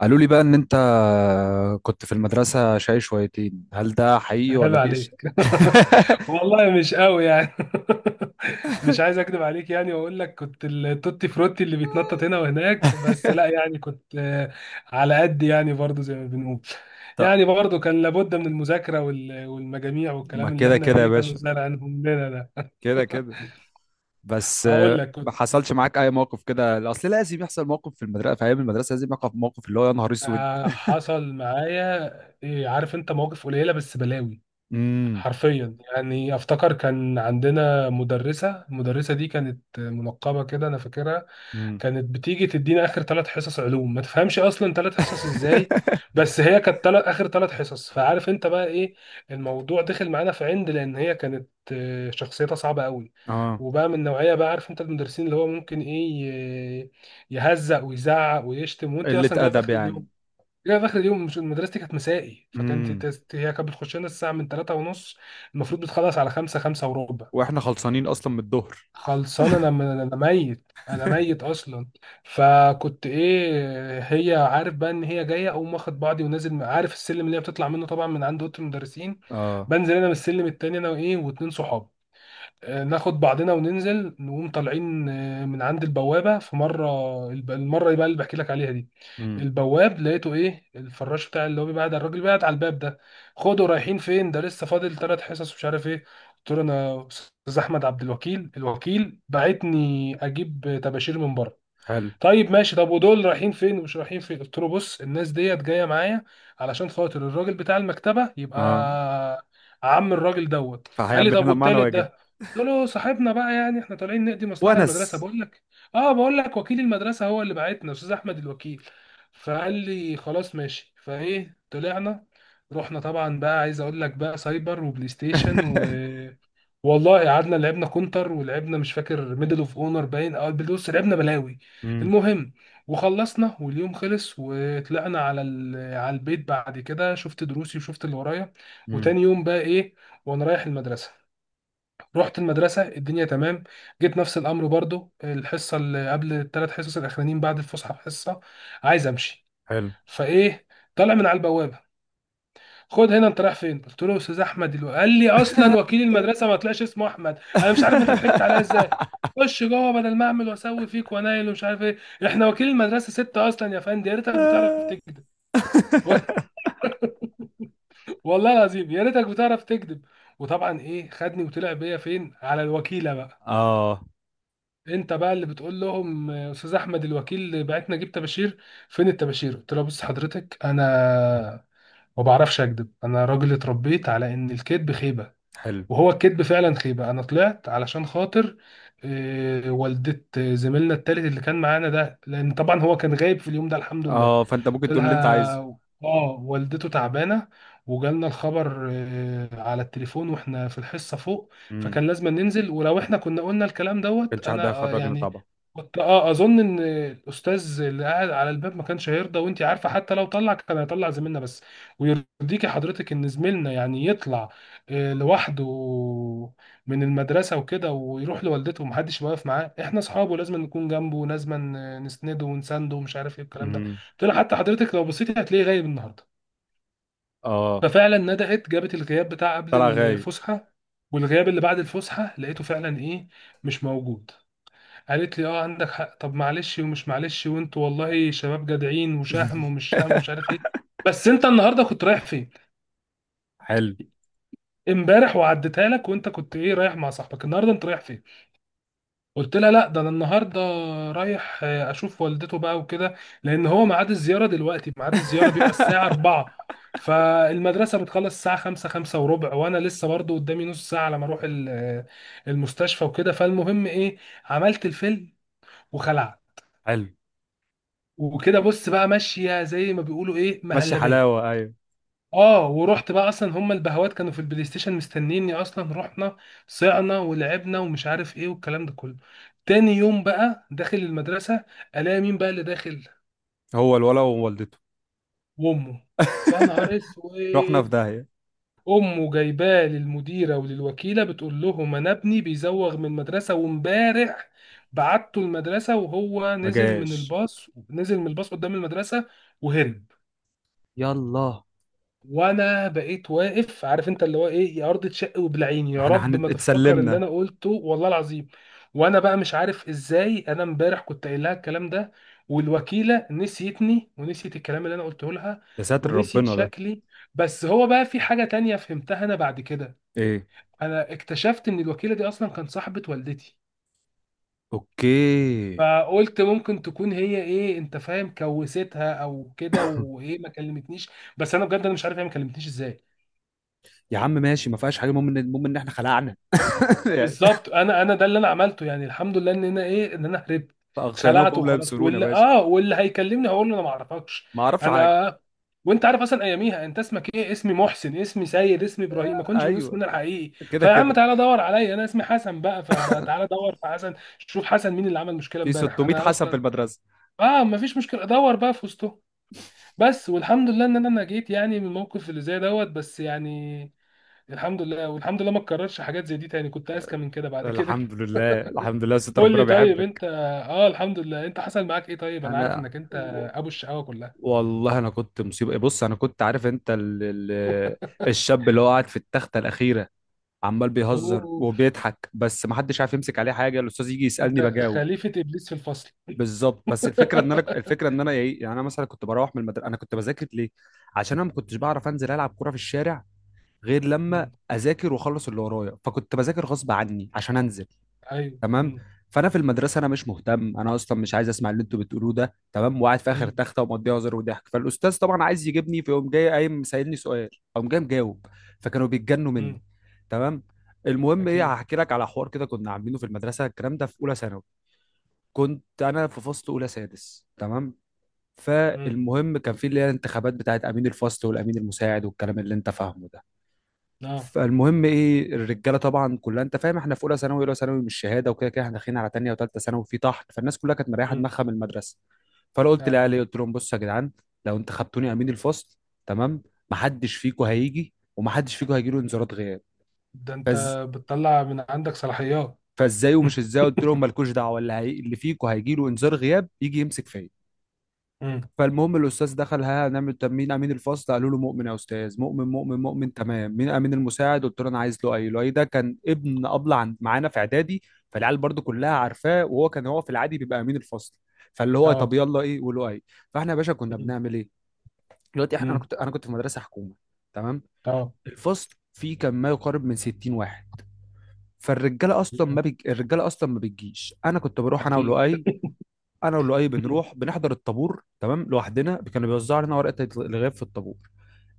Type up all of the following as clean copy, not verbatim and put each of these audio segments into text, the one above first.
قالوا لي بقى ان انت كنت في المدرسة شاي شويتين، هل ده حقيقي عيب ولا دي عليك. والله مش قوي يعني. مش عايز اكذب عليك يعني واقول لك كنت التوتي فروتي اللي بيتنطط هنا وهناك، بس لا، يعني كنت على قد يعني، برضو زي ما بنقول. يعني طب، برضو كان لابد من المذاكرة والمجاميع ما والكلام اللي كده احنا كده يا ايه، كانوا باشا. زارعينهم لنا ده. كده كده. بس هقول لك ما كنت حصلش معاك اي موقف كده، اصل لازم يحصل موقف في المدرسة، في ايام المدرسة لازم يقف موقف اللي هو يا نهار اسود. حصل معايا عارف انت، مواقف قليلة بس بلاوي. امم. حرفيا يعني افتكر كان عندنا مدرسة، المدرسة دي كانت منقبة كده، انا فاكرها. امم. كانت بتيجي تدينا اخر ثلاث حصص علوم، ما تفهمش اصلا ثلاث حصص ازاي، بس هي كانت تلات، اخر ثلاث حصص. فعارف انت بقى ايه، الموضوع دخل معانا في عند، لان هي كانت شخصيتها صعبة قوي، اه، وبقى من نوعية بقى عارف انت المدرسين اللي هو ممكن ايه، ي- يهزق ويزعق ويشتم، وانت قلة اصلا جايب ادب اخر يعني. اليوم. لا، في اخر اليوم، مش مدرستي كانت مسائي، امم. هي كانت بتخش لنا الساعه من 3 ونص، المفروض بتخلص على 5، 5 وربع. واحنا خلصانين اصلا من الظهر. خلصان انا، انا ميت، انا ميت اصلا. فكنت ايه، هي عارف بقى ان هي جايه، اقوم واخد بعضي ونازل، عارف السلم اللي هي بتطلع منه طبعا من عند اوضه المدرسين، اه. بنزل انا من السلم التاني انا وايه، واتنين صحاب، ناخد بعضنا وننزل، نقوم طالعين من عند البوابة. في مرة، المرة بقى اللي بحكي لك عليها دي، امم. البواب لقيته ايه، الفراش بتاع اللي هو بيبعد على الراجل بيبعد على الباب ده. خدوا رايحين فين، ده لسه فاضل ثلاث حصص ومش عارف ايه. قلت له انا استاذ احمد عبد الوكيل، الوكيل بعتني اجيب طباشير من بره. حلو. طيب ماشي، طب ودول رايحين فين ومش رايحين فين؟ قلت له بص، الناس ديت جايه معايا علشان خاطر الراجل بتاع المكتبه يبقى اه، عم الراجل دوت. قال لي فهيعمل طب لنا معنا والتالت واجب. ده؟ قلت له صاحبنا بقى، يعني احنا طالعين نقضي مصلحه ونس. للمدرسه، بقول لك، اه بقول لك وكيل المدرسه هو اللي بعتنا، استاذ احمد الوكيل. فقال لي خلاص ماشي. فايه، طلعنا، رحنا طبعا بقى، عايز اقول لك بقى، سايبر وبلاي ستيشن و، والله قعدنا لعبنا كونتر ولعبنا مش فاكر ميدل اوف اونر، باين او بص، لعبنا بلاوي. امم. المهم، وخلصنا واليوم خلص، وطلعنا على على البيت. بعد كده شفت دروسي وشفت اللي ورايا، امم. وتاني يوم بقى ايه، وانا رايح المدرسه، رحت المدرسه الدنيا تمام. جيت نفس الامر برضو، الحصه اللي قبل الثلاث حصص الاخرانيين بعد الفسحه، حصه عايز امشي. حلو. فايه، طالع من على البوابه، خد هنا انت رايح فين؟ قلت له استاذ احمد قال لي اصلا وكيل المدرسه ما طلعش اسمه احمد، انا مش عارف انت ضحكت عليا ازاي. خش جوه بدل ما اعمل واسوي فيك وانايل ومش عارف ايه، احنا وكيل المدرسه ستة اصلا يا فندم، يا ريتك بتعرف تكذب. و- والله العظيم يا ريتك بتعرف تكذب. وطبعا ايه، خدني وطلع بيا فين، على الوكيله بقى. اه. انت بقى اللي بتقول لهم استاذ احمد الوكيل بعتنا جيب طباشير، فين الطباشير؟ قلت له بص حضرتك، انا ما بعرفش اكذب، انا راجل اتربيت على ان الكذب خيبه، حلو. وهو الكذب فعلا خيبة. انا طلعت علشان خاطر والدة زميلنا التالت اللي كان معانا ده، لان طبعا هو كان غايب في اليوم ده الحمد لله. اه، فانت قلت ممكن تقول اللي انت لها عايزه. اه، والدته تعبانه، وجالنا الخبر على التليفون واحنا في الحصه فوق، امم. فكان لازم ننزل. ولو احنا كنا قلنا الكلام دوت، كانش حد انا هيخرجنا يعني طبعا. كنت اه اظن ان الاستاذ اللي قاعد على الباب ما كانش هيرضى، وانت عارفه حتى لو طلع كان هيطلع زميلنا بس. ويرضيكي حضرتك ان زميلنا يعني يطلع لوحده من المدرسه وكده، ويروح لوالدته ومحدش واقف معاه؟ احنا اصحابه، لازم نكون جنبه، لازم نسنده ونسانده ومش عارف ايه الكلام ده. امم. قلت لها حتى حضرتك لو بصيتي هتلاقيه غايب النهارده. اه، ففعلا ندقت جابت الغياب بتاع قبل طلع غايب. الفسحه، والغياب اللي بعد الفسحه، لقيته فعلا ايه، مش موجود. قالت لي اه عندك حق، طب معلش ومش معلش، وانتوا والله شباب جدعين وشهم ومش شهم ومش عارف ايه. بس انت النهارده كنت رايح فين؟ حلو. امبارح وعديتها لك، وانت كنت ايه رايح مع صاحبك، النهارده انت رايح فين؟ قلت لها لا ده انا النهارده رايح اشوف والدته بقى وكده، لان هو ميعاد الزياره دلوقتي، ميعاد الزياره بيبقى الساعه 4، فالمدرسه بتخلص الساعه 5، 5 وربع، وانا لسه برضو قدامي نص ساعه على ما اروح المستشفى وكده. فالمهم ايه، عملت الفيلم وخلعت. حلو، وكده بص بقى ماشيه زي ما بيقولوا ايه، ماشي مهلبيه. حلاوه. ايوه، اه، ورحت بقى، اصلا هم البهوات كانوا في البلاي ستيشن مستنيني اصلا، رحنا صعنا ولعبنا ومش عارف ايه والكلام ده كله. تاني يوم بقى داخل المدرسة، الاقي مين بقى اللي داخل، هو الولا ووالدته. وامه. يا نهار اسود. رحنا في داهيه. امه جايباه للمديرة وللوكيلة، بتقول لهم انا ابني بيزوغ من المدرسة، وامبارح بعته المدرسة وهو ما نزل من جاش. الباص، نزل من الباص قدام المدرسة وهرب. يلا، وانا بقيت واقف، عارف انت اللي هو ايه، يا ارض تشق وبلعيني، يا احنا رب ما تفتكر اللي اتسلمنا. انا قلته، والله العظيم. وانا بقى مش عارف ازاي، انا امبارح كنت قايل لها الكلام ده، والوكيله نسيتني ونسيت الكلام اللي انا قلته لها، يا ساتر ونسيت ربنا ده شكلي. بس هو بقى في حاجه تانية فهمتها انا بعد كده، ايه. انا اكتشفت ان الوكيله دي اصلا كانت صاحبه والدتي، اوكي فقلت ممكن تكون هي ايه، انت فاهم، كوستها او كده، وايه ما كلمتنيش. بس انا بجد انا مش عارف هي ما كلمتنيش ازاي. يا عم، ماشي، ما فيهاش حاجه، المهم ان احنا خلعنا. يعني، بالظبط، انا ده اللي انا عملته، يعني الحمد لله ان انا ايه، ان انا هربت، فاغشيناهم خلعت فهم لا وخلاص. يبصرون يا واللي باشا. اه واللي هيكلمني هقول له انا ما اعرفكش. ما اعرفش حاجه. انا، وانت عارف اصلا اياميها، انت اسمك ايه، اسمي محسن، اسمي سيد، اسمي ابراهيم، ما كنتش بنقول ايوه، اسمنا الحقيقي. كده فيا عم كده. تعالى دور عليا، انا اسمي حسن بقى، فبقى تعالى دور في حسن، شوف حسن مين اللي عمل مشكله في امبارح، 600 انا حسن في اصلا المدرسه. اه ما فيش مشكله، دور بقى في وسطهم. بس والحمد لله ان انا نجيت يعني من الموقف اللي زي دوت. بس يعني الحمد لله، والحمد لله ما اتكررش حاجات زي دي تاني، كنت اذكى من كده بعد كده. الحمد لله الحمد لله، ست قول ربنا لي طيب بيحبك. انت، اه الحمد لله، انت حصل معاك ايه طيب، انا عارف انا انك انت و- ابو الشقاوه كلها. والله انا كنت مصيبه. بص، انا كنت عارف انت الشاب اللي هو قاعد في التخته الاخيره، عمال بيهزر اوه، وبيضحك، بس ما حدش عارف يمسك عليه حاجه. الاستاذ يجي انت يسالني بجاوب. خليفه ابليس في الفصل. بالظبط. بس الفكره ان انا ايه يعني، انا مثلا كنت بروح من المدرسه، انا كنت بذاكر ليه؟ عشان انا ما كنتش بعرف انزل العب كوره في الشارع غير لما مم. اذاكر واخلص اللي ورايا، فكنت بذاكر غصب عني عشان انزل. ايوه. تمام. فانا في المدرسه انا مش مهتم، انا اصلا مش عايز اسمع اللي انتوا بتقولوه ده، تمام، وقاعد في اخر مم. تخته ومقضيها هزار وضحك. فالاستاذ طبعا عايز يجيبني، فيقوم جاي قايم سائلني سؤال، اقوم جاي مجاوب. فكانوا بيتجنوا مني. مم. تمام. المهم ايه، اكيد. هحكي لك على حوار كده كنا عاملينه في المدرسه، الكلام ده في اولى ثانوي. كنت انا في فصل اولى سادس، تمام. مم. فالمهم، كان في اللي هي الانتخابات بتاعت امين الفصل والامين المساعد والكلام اللي انت فاهمه ده. اه. فالمهم ايه، الرجاله طبعا كلها انت فاهم، احنا في اولى ثانوي، اولى ثانوي مش شهاده، وكده كده احنا داخلين على تانيه وتالته ثانوي في طحن، فالناس كلها كانت مريحه مم. دماغها من المدرسه. فانا قلت اه. لاهلي، قلت لهم بصوا يا جدعان، لو انت خدتوني امين الفصل، تمام، محدش فيكم هيجي ومحدش فيكم هيجي له انذارات غياب. ده انت فز... بتطلع من عندك صلاحيات. فازاي ومش ازاي؟ قلت لهم مالكوش دعوه، اللي فيكم هيجي له انذار غياب يجي يمسك فيا. مم. فالمهم الاستاذ دخل، ها هنعمل، طب مين امين الفصل؟ قالوا له مؤمن يا استاذ، مؤمن، مؤمن، مؤمن، تمام. مين امين المساعد؟ قلت له انا عايز لؤي. لؤي ده كان ابن ابله عند معانا في اعدادي، فالعيال برضو كلها عارفاه، وهو كان في العادي بيبقى امين الفصل. فاللي هو اه. طب يلا، ايه ولؤي. فاحنا يا باشا كنا مم. بنعمل ايه دلوقتي؟ احنا مم. انا كنت في مدرسه حكومه، تمام. اه. الفصل فيه كان ما يقارب من 60 واحد. فالرجاله اصلا ما بيج... الرجاله اصلا ما بتجيش. انا كنت بروح انا اكيد. ولؤي، مم. بنروح بنحضر الطابور تمام لوحدنا. كانوا بيوزعوا علينا ورقه الغياب في الطابور،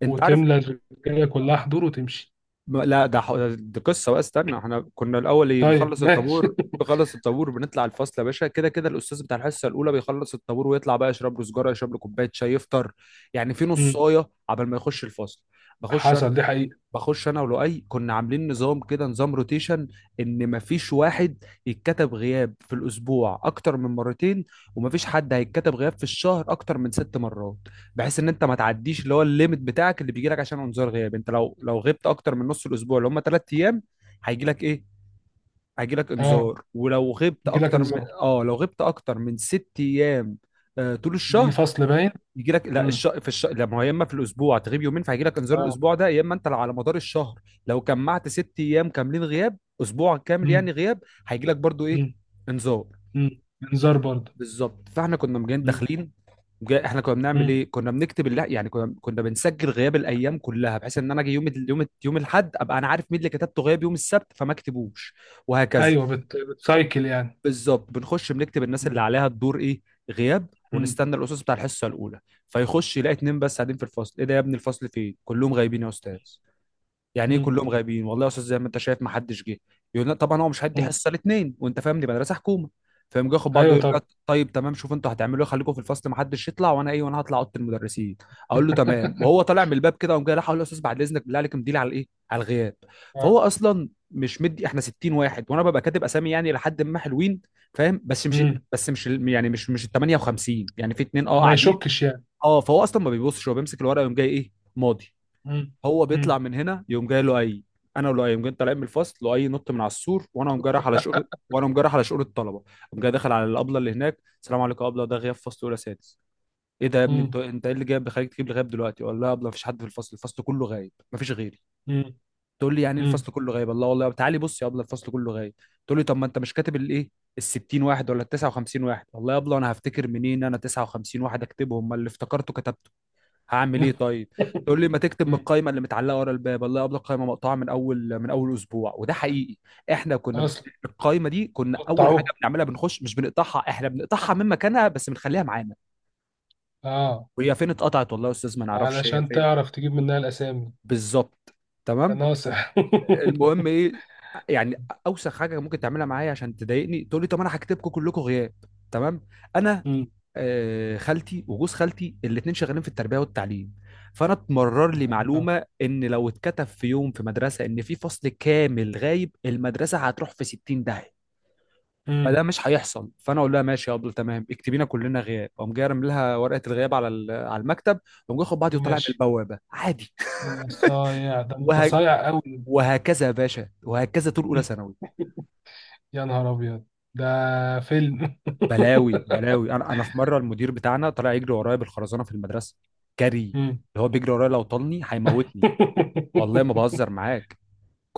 انت عارف. وتملى الرجاله كلها حضور وتمشي. لا، دي قصه بقى، استنى. احنا كنا الاول ايه، طيب بنخلص ماشي. الطابور، بنطلع الفصل يا باشا. كده كده الاستاذ بتاع الحصه الاولى بيخلص الطابور ويطلع بقى، يشرب له سجاره، يشرب له كوبايه شاي، يفطر، يعني في مم. نصايه عبال ما يخش الفصل. بخش، حصل دي حقيقه. انا ولؤي كنا عاملين نظام كده، نظام روتيشن. ان مفيش واحد يتكتب غياب في الاسبوع اكتر من مرتين، ومفيش حد هيتكتب غياب في الشهر اكتر من 6 مرات. بحيث ان انت ما تعديش اللي هو الليميت بتاعك اللي بيجي لك عشان انذار غياب. انت لو غبت اكتر من نص الاسبوع اللي هم 3 ايام، هيجي لك ايه، هيجي لك اه، انذار. ولو غبت يجي لك اكتر من، انذار. اه لو غبت اكتر من 6 ايام، طول يجي الشهر، فصل باين. يجي لك، لا، مم. لا، ما هو يا اما في الاسبوع تغيب يومين فهيجي لك انذار اه. الاسبوع ده، يا اما انت على مدار الشهر لو جمعت 6 ايام كاملين غياب، اسبوع كامل يعني مم. غياب، هيجي لك برضو ايه، مم. انذار. مم. انذار برضه. بالظبط. فاحنا كنا مجانين مم. داخلين. احنا كنا بنعمل مم. ايه، كنا بنكتب يعني كنا بنسجل غياب الايام كلها، بحيث ان انا اجي يوم الاحد ابقى انا عارف مين اللي كتبته غياب يوم السبت فما اكتبوش، وهكذا. ايوه، بت... بتسايكل يعني. بالظبط، بنخش بنكتب الناس اللي مم. عليها الدور ايه، غياب، مم. ونستنى الاستاذ بتاع الحصه الاولى. فيخش يلاقي اتنين بس قاعدين في الفصل. ايه ده يا ابني، الفصل فين؟ كلهم غايبين يا استاذ. يعني ايه مم. كلهم غايبين؟ والله يا استاذ زي ما انت شايف، ما حدش جه. يقول لا طبعا، هو مش هيدي مم. حصه الاثنين، وانت فاهم، دي مدرسه حكومه. فيقوم جه ياخد بعضه ايوه يقول لا، طب. طيب تمام، شوف انتوا هتعملوا ايه، خليكم في الفصل، ما حدش يطلع، وانا ايه، وانا هطلع اوضه المدرسين. اقول له تمام. وهو طالع من الباب كده، قام جاي راح، اقول له يا استاذ بعد اذنك، بالله عليك مديلي على الايه، على الغياب. فهو آه. اصلا مش مدي، احنا 60 واحد وانا ببقى كاتب اسامي يعني لحد ما حلوين، فاهم، بس مش، مم. يعني مش ال 58، يعني في اتنين ما قاعدين. يشكش يعني. اه فهو اصلا ما بيبصش، هو بيمسك الورقه ويقوم جاي ايه، ماضي. مم. هو مم. بيطلع من هنا، يقوم جاي انا ولؤي يقوم جاي طالعين من الفصل. لؤي نط من على السور، وانا قوم جاي رايح على شؤون، الطلبه، قوم جاي داخل على الابله اللي هناك. السلام عليكم يا ابله، ده غياب فصل اولى سادس. ايه ده يا ابني، مم. انت ايه اللي جايب بيخليك تجيب لي غياب دلوقتي؟ ولا لا يا ابله، مفيش حد في الفصل، الفصل كله غايب، مفيش غيري. مم. تقول لي يعني إيه مم. الفصل كله غايب؟ الله، والله تعالي بص يا ابله، الفصل كله غايب. تقول لي طب ما انت مش كاتب الايه، ال 60 واحد ولا ال 59 واحد؟ والله يا ابله انا هفتكر منين؟ انا 59 واحد اكتبهم؟ ما اللي افتكرته كتبته، هعمل ايه طيب. تقول لي ما تكتب من مم. القائمه اللي متعلقه ورا الباب. الله يقبل، القائمه مقطوعه من اول اسبوع، وده حقيقي. احنا كنا ب- اصلا القائمه دي كنا اول حاجه قطعوه. بنعملها، بنخش مش بنقطعها، احنا بنقطعها من مكانها بس بنخليها معانا. اه، وهي فين اتقطعت؟ والله يا استاذ ما نعرفش هي علشان فين. تعرف تجيب منها الاسامي. بالظبط، تمام. ناصح. المهم ايه، يعني اوسخ حاجه ممكن تعملها معايا عشان تضايقني، تقول لي طب انا هكتبكم كلكم غياب، تمام. انا مم. خالتي وجوز خالتي الاثنين شغالين في التربيه والتعليم، فانا اتمرر لي آه. معلومه ان لو اتكتب في يوم في مدرسه ان في فصل كامل غايب، المدرسه هتروح في 60 داهيه. فده مم. مش هيحصل. فانا اقول لها ماشي يا ابله، تمام، اكتبينا كلنا غياب. اقوم جاي رامي لها ورقه الغياب على على المكتب، اقوم جاي اخد بعضي وطالع من وماشي. البوابه عادي. يا صايع، ده انت وه... صايع قوي. وهكذا يا باشا، وهكذا طول اولى ثانوي. يا نهار ابيض، ده فيلم. بلاوي بلاوي. انا في مره المدير بتاعنا طلع يجري ورايا بالخرزانه في المدرسه. جري، مم. اللي هو بيجري ورايا لو طالني هيموتني، والله ما بهزر معاك.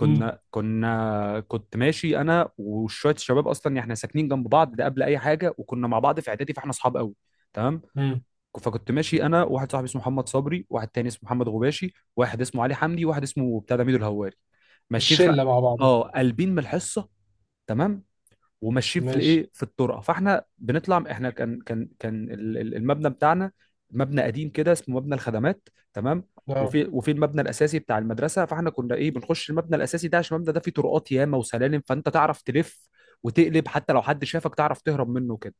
مم. كنا كنت ماشي انا وشويه الشباب، اصلا يعني احنا ساكنين جنب بعض ده قبل اي حاجه، وكنا مع بعض في اعدادي، فاحنا اصحاب قوي تمام. مم. فكنت ماشي انا، واحد صاحبي اسمه محمد صبري، واحد تاني اسمه محمد غباشي، واحد اسمه علي حمدي، واحد اسمه بتاع ده ميدو الهواري. ماشيين خ... الشله مع بعض. اه قلبين من الحصه، تمام. وماشيين في ماشي، الايه في الطرقه. فاحنا بنطلع، احنا كان المبنى بتاعنا مبنى قديم كده، اسمه مبنى الخدمات، تمام. اه، وفي المبنى الاساسي بتاع المدرسه، فاحنا كنا ايه، بنخش المبنى الاساسي ده عشان المبنى ده فيه طرقات ياما وسلالم، فانت تعرف تلف وتقلب، حتى لو حد شافك تعرف تهرب منه كده.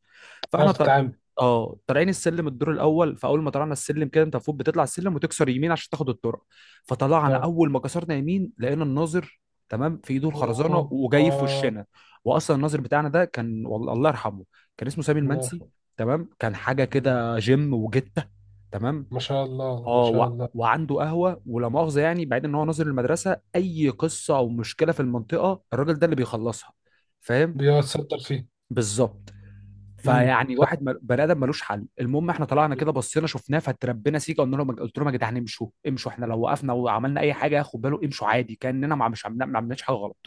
فاحنا تعرف طل... تتعامل. اه طالعين السلم، الدور الاول. فاول ما طلعنا السلم كده، انت المفروض بتطلع السلم وتكسر يمين عشان تاخد الطرق. فطلعنا، اه، اول ما كسرنا يمين لقينا الناظر، تمام، في ايده الخرزانه أوه. وجاي في اه، وشنا. واصلا الناظر بتاعنا ده كان، والله الله يرحمه، كان اسمه سامي الله المنسي، يرحمه. تمام. كان حاجه مم. كده جيم وجته، تمام. ما شاء الله ما شاء الله. وعنده قهوه ولا مؤاخذه، يعني بعيد، ان هو ناظر المدرسه اي قصه او مشكله في المنطقه الراجل ده اللي بيخلصها، فاهم. بيتصدر فيه. بالظبط. مم. فيعني واحد بني ادم ملوش حل. المهم احنا طلعنا كده مم. بصينا شفناه فتربنا سيكا، قلنا لهم، قلت لهم: يا جدعان امشوا امشوا، احنا لو وقفنا وعملنا اي حاجه ياخد باله، امشوا عادي كاننا ما مش عملنا ما عملناش حاجه غلط.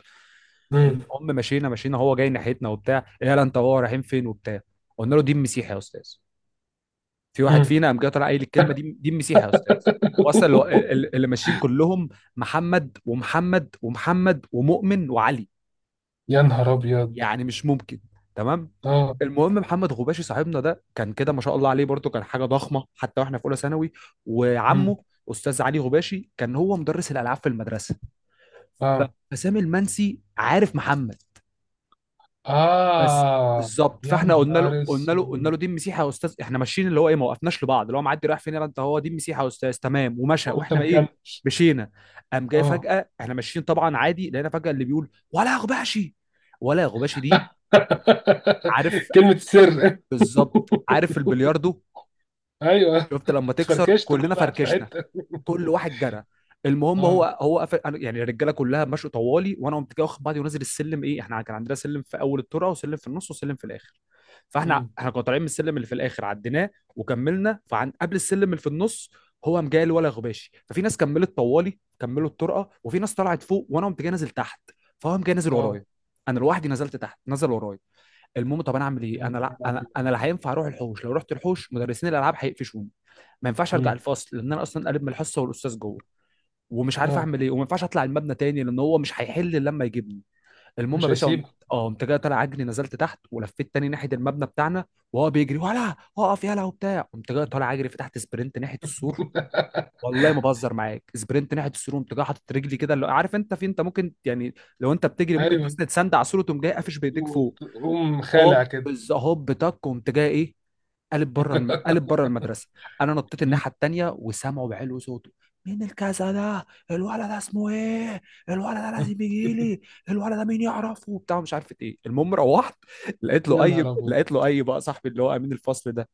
مم. المهم مشينا مشينا، هو جاي ناحيتنا وبتاع، إيه يلا انت وهو رايحين فين وبتاع. قلنا له: دي المسيح يا استاذ. في واحد مم. فينا قام جاي طالع قايل الكلمه دي، دي المسيح يا استاذ. وصل اللي ماشيين كلهم محمد ومحمد ومحمد ومؤمن وعلي، يا نهار ابيض. يعني مش ممكن. تمام. اه. المهم محمد غباشي صاحبنا ده كان كده ما شاء الله عليه، برضه كان حاجه ضخمه حتى واحنا في اولى ثانوي. مم. وعمه استاذ علي غباشي كان هو مدرس الالعاب في المدرسه. اه. فسامي المنسي عارف محمد بس اه، بالظبط. يا فاحنا قلنا له نهار قلنا له قلنا اسود، له دي مسيحي يا استاذ احنا ماشيين، اللي هو ايه، ما وقفناش لبعض، اللي هو معدي رايح فين يلا انت، هو دي مسيحي يا استاذ، تمام، ومشى، وانت واحنا ايه، مكمل. مشينا. قام جاي اه. فجاه احنا ماشيين طبعا عادي، لقينا فجاه اللي بيقول: ولا يا غباشي، ولا يا غباشي دي، عارف. كلمة السر. بالظبط. عارف البلياردو ايوه، شفت لما تكسر؟ اتفركشت كل كلنا واحد في فركشنا، حتة. كل واحد جرى. المهم اه. هو قفل يعني الرجاله كلها مشوا طوالي، وانا قمت جاي واخد بعضي ونازل السلم، ايه احنا كان عندنا سلم في اول الترعه وسلم في النص وسلم في الاخر. فاحنا مم. احنا كنا طالعين من السلم اللي في الاخر عديناه وكملنا، فعن قبل السلم اللي في النص هو قام جاي ولا غباشي. ففي ناس كملت طوالي كملوا الطرقه، وفي ناس طلعت فوق، وانا قمت جاي نازل تحت. فهو قام جاي نازل اه، ورايا، انا لوحدي نزلت تحت نزل ورايا. المهم، طب انا اعمل ايه؟ يعني. انا لا انا لا هينفع اروح الحوش، لو رحت الحوش مدرسين الالعاب هيقفشوني. ما ينفعش ارجع مم. الفصل لان انا اصلا قالب من الحصه والاستاذ جوه، ومش عارف اه، اعمل ايه. وما ينفعش اطلع المبنى تاني لان هو مش هيحل لما يجيبني. المهم يا مش باشا قمت، هيسيبك. اه قمت جاي طالع عجلي نزلت تحت ولفيت تاني ناحيه المبنى بتاعنا، وهو بيجري ولا اقف يلا وبتاع. قمت جاي طالع عجلي فتحت سبرنت ناحيه السور، والله ما بهزر معاك، سبرنت ناحيه السور، قمت جاي حاطط رجلي كده، عارف انت، في انت ممكن يعني لو انت بتجري ممكن ايوه، تسند سند على السور وتقوم جاي قافش بايديك فوق. قوم خالع هوب، كده. هوب تك، قمت جاي ايه، قالب بره قالب بره المدرسه. انا نطيت مم. الناحيه التانيه وسامعه بعلو صوته: مين الكذا ده، الولد ده اسمه ايه، الولد ده لازم يجي لي، الولد ده مين يعرفه وبتاع، مش عارف ايه. المهم روحت يا نهار ابيض. لقيت له اي بقى صاحبي اللي هو امين الفصل ده،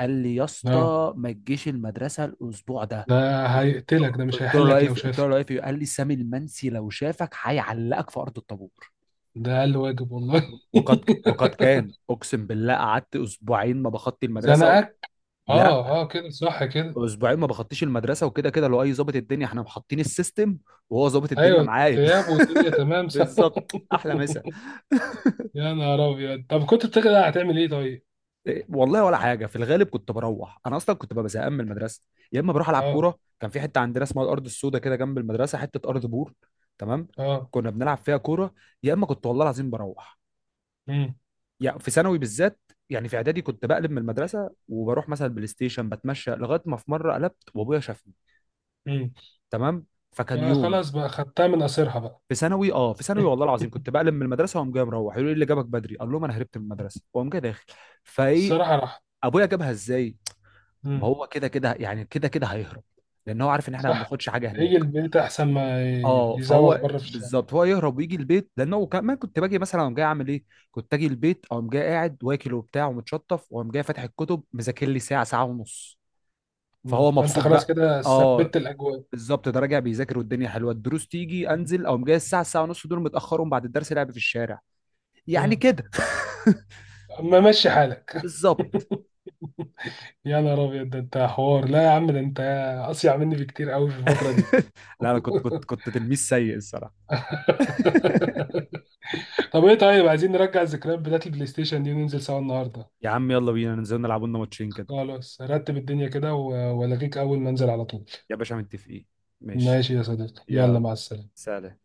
قال لي: يا اه. اسطى ما تجيش المدرسه الاسبوع ده. ده هيقتلك، ده مش قلت له: لا هيحلك ايه لو في- قلت له: شافك. لا ايه في؟ قال لي سامي المنسي لو شافك هيعلقك في ارض الطابور. ده اقل واجب والله. وقد كان، اقسم بالله قعدت اسبوعين ما بخطي المدرسه. زنقك. اه لا، اه، كده صح كده. اسبوعين ما بخطيش المدرسه، وكده كده لو اي ظابط الدنيا احنا محطين السيستم، وهو ظابط الدنيا ايوه، معايا. غياب والدنيا تمام صح. بالظبط، احلى مسا. يا نهار ابيض، طب كنت بتقلق هتعمل ايه طيب؟ إيه، والله ولا حاجه، في الغالب كنت بروح، انا اصلا كنت ببقى زهقان من المدرسه. يا اما بروح العب اه كوره، كان في حته عندنا اسمها الارض السوداء كده جنب المدرسه، حته ارض بور، تمام، اه، كنا بنلعب فيها كوره. يا اما كنت والله العظيم بروح، امم، يعني في ثانوي بالذات. يعني في اعدادي كنت بقلب من المدرسه وبروح مثلا بلاي ستيشن، بتمشى لغايه ما في مره قلبت وابويا شافني. امم، تمام. فكان بقى يوم خلاص بقى، خدتها من قصيرها بقى. في ثانوي، اه في ثانوي والله العظيم كنت بقلب من المدرسه واقوم جاي مروح، يقولوا لي إيه اللي جابك بدري، اقول لهم انا هربت من المدرسه، واقوم جاي داخل. فايه، الصراحه راح. ابويا جابها ازاي؟ ما امم، هو كده كده يعني، كده كده هيهرب، لان هو عارف ان احنا ما صح، بناخدش حاجه يجي هناك. البيت احسن ما اه يزوغ فهو بره في الشارع. بالظبط، هو يهرب ويجي البيت لان هو كمان، كنت باجي مثلا اقوم جاي اعمل ايه، كنت اجي البيت اقوم جاي قاعد واكل وبتاع ومتشطف واقوم جاي فاتح الكتب مذاكر لي ساعه ساعه ونص. فهو فانت مبسوط خلاص بقى. كده اه ثبت الاجواء. بالظبط، ده راجع بيذاكر والدنيا حلوه، الدروس تيجي انزل اقوم جاي الساعه ساعه ونص دول متاخرهم بعد الدرس لعب في الشارع. يعني امم، كده. اما مشي حالك. بالظبط. يا نهار ابيض، ده انت حوار، لا يا عم ده انت اصيع مني بكتير قوي في الفتره دي. لا انا كنت تلميذ سيء الصراحه. طب ايه طيب، عايزين نرجع الذكريات بتاعت البلاي ستيشن دي وننزل سوا النهارده. يا عم يلا بينا ننزل نلعب لنا ماتشين كده. خلاص رتب الدنيا كده، والغيك اول ما انزل على طول. يا باشا متفقين، ماشي. ماشي يا صديقي، يلا يلا، مع السلامة. سلام.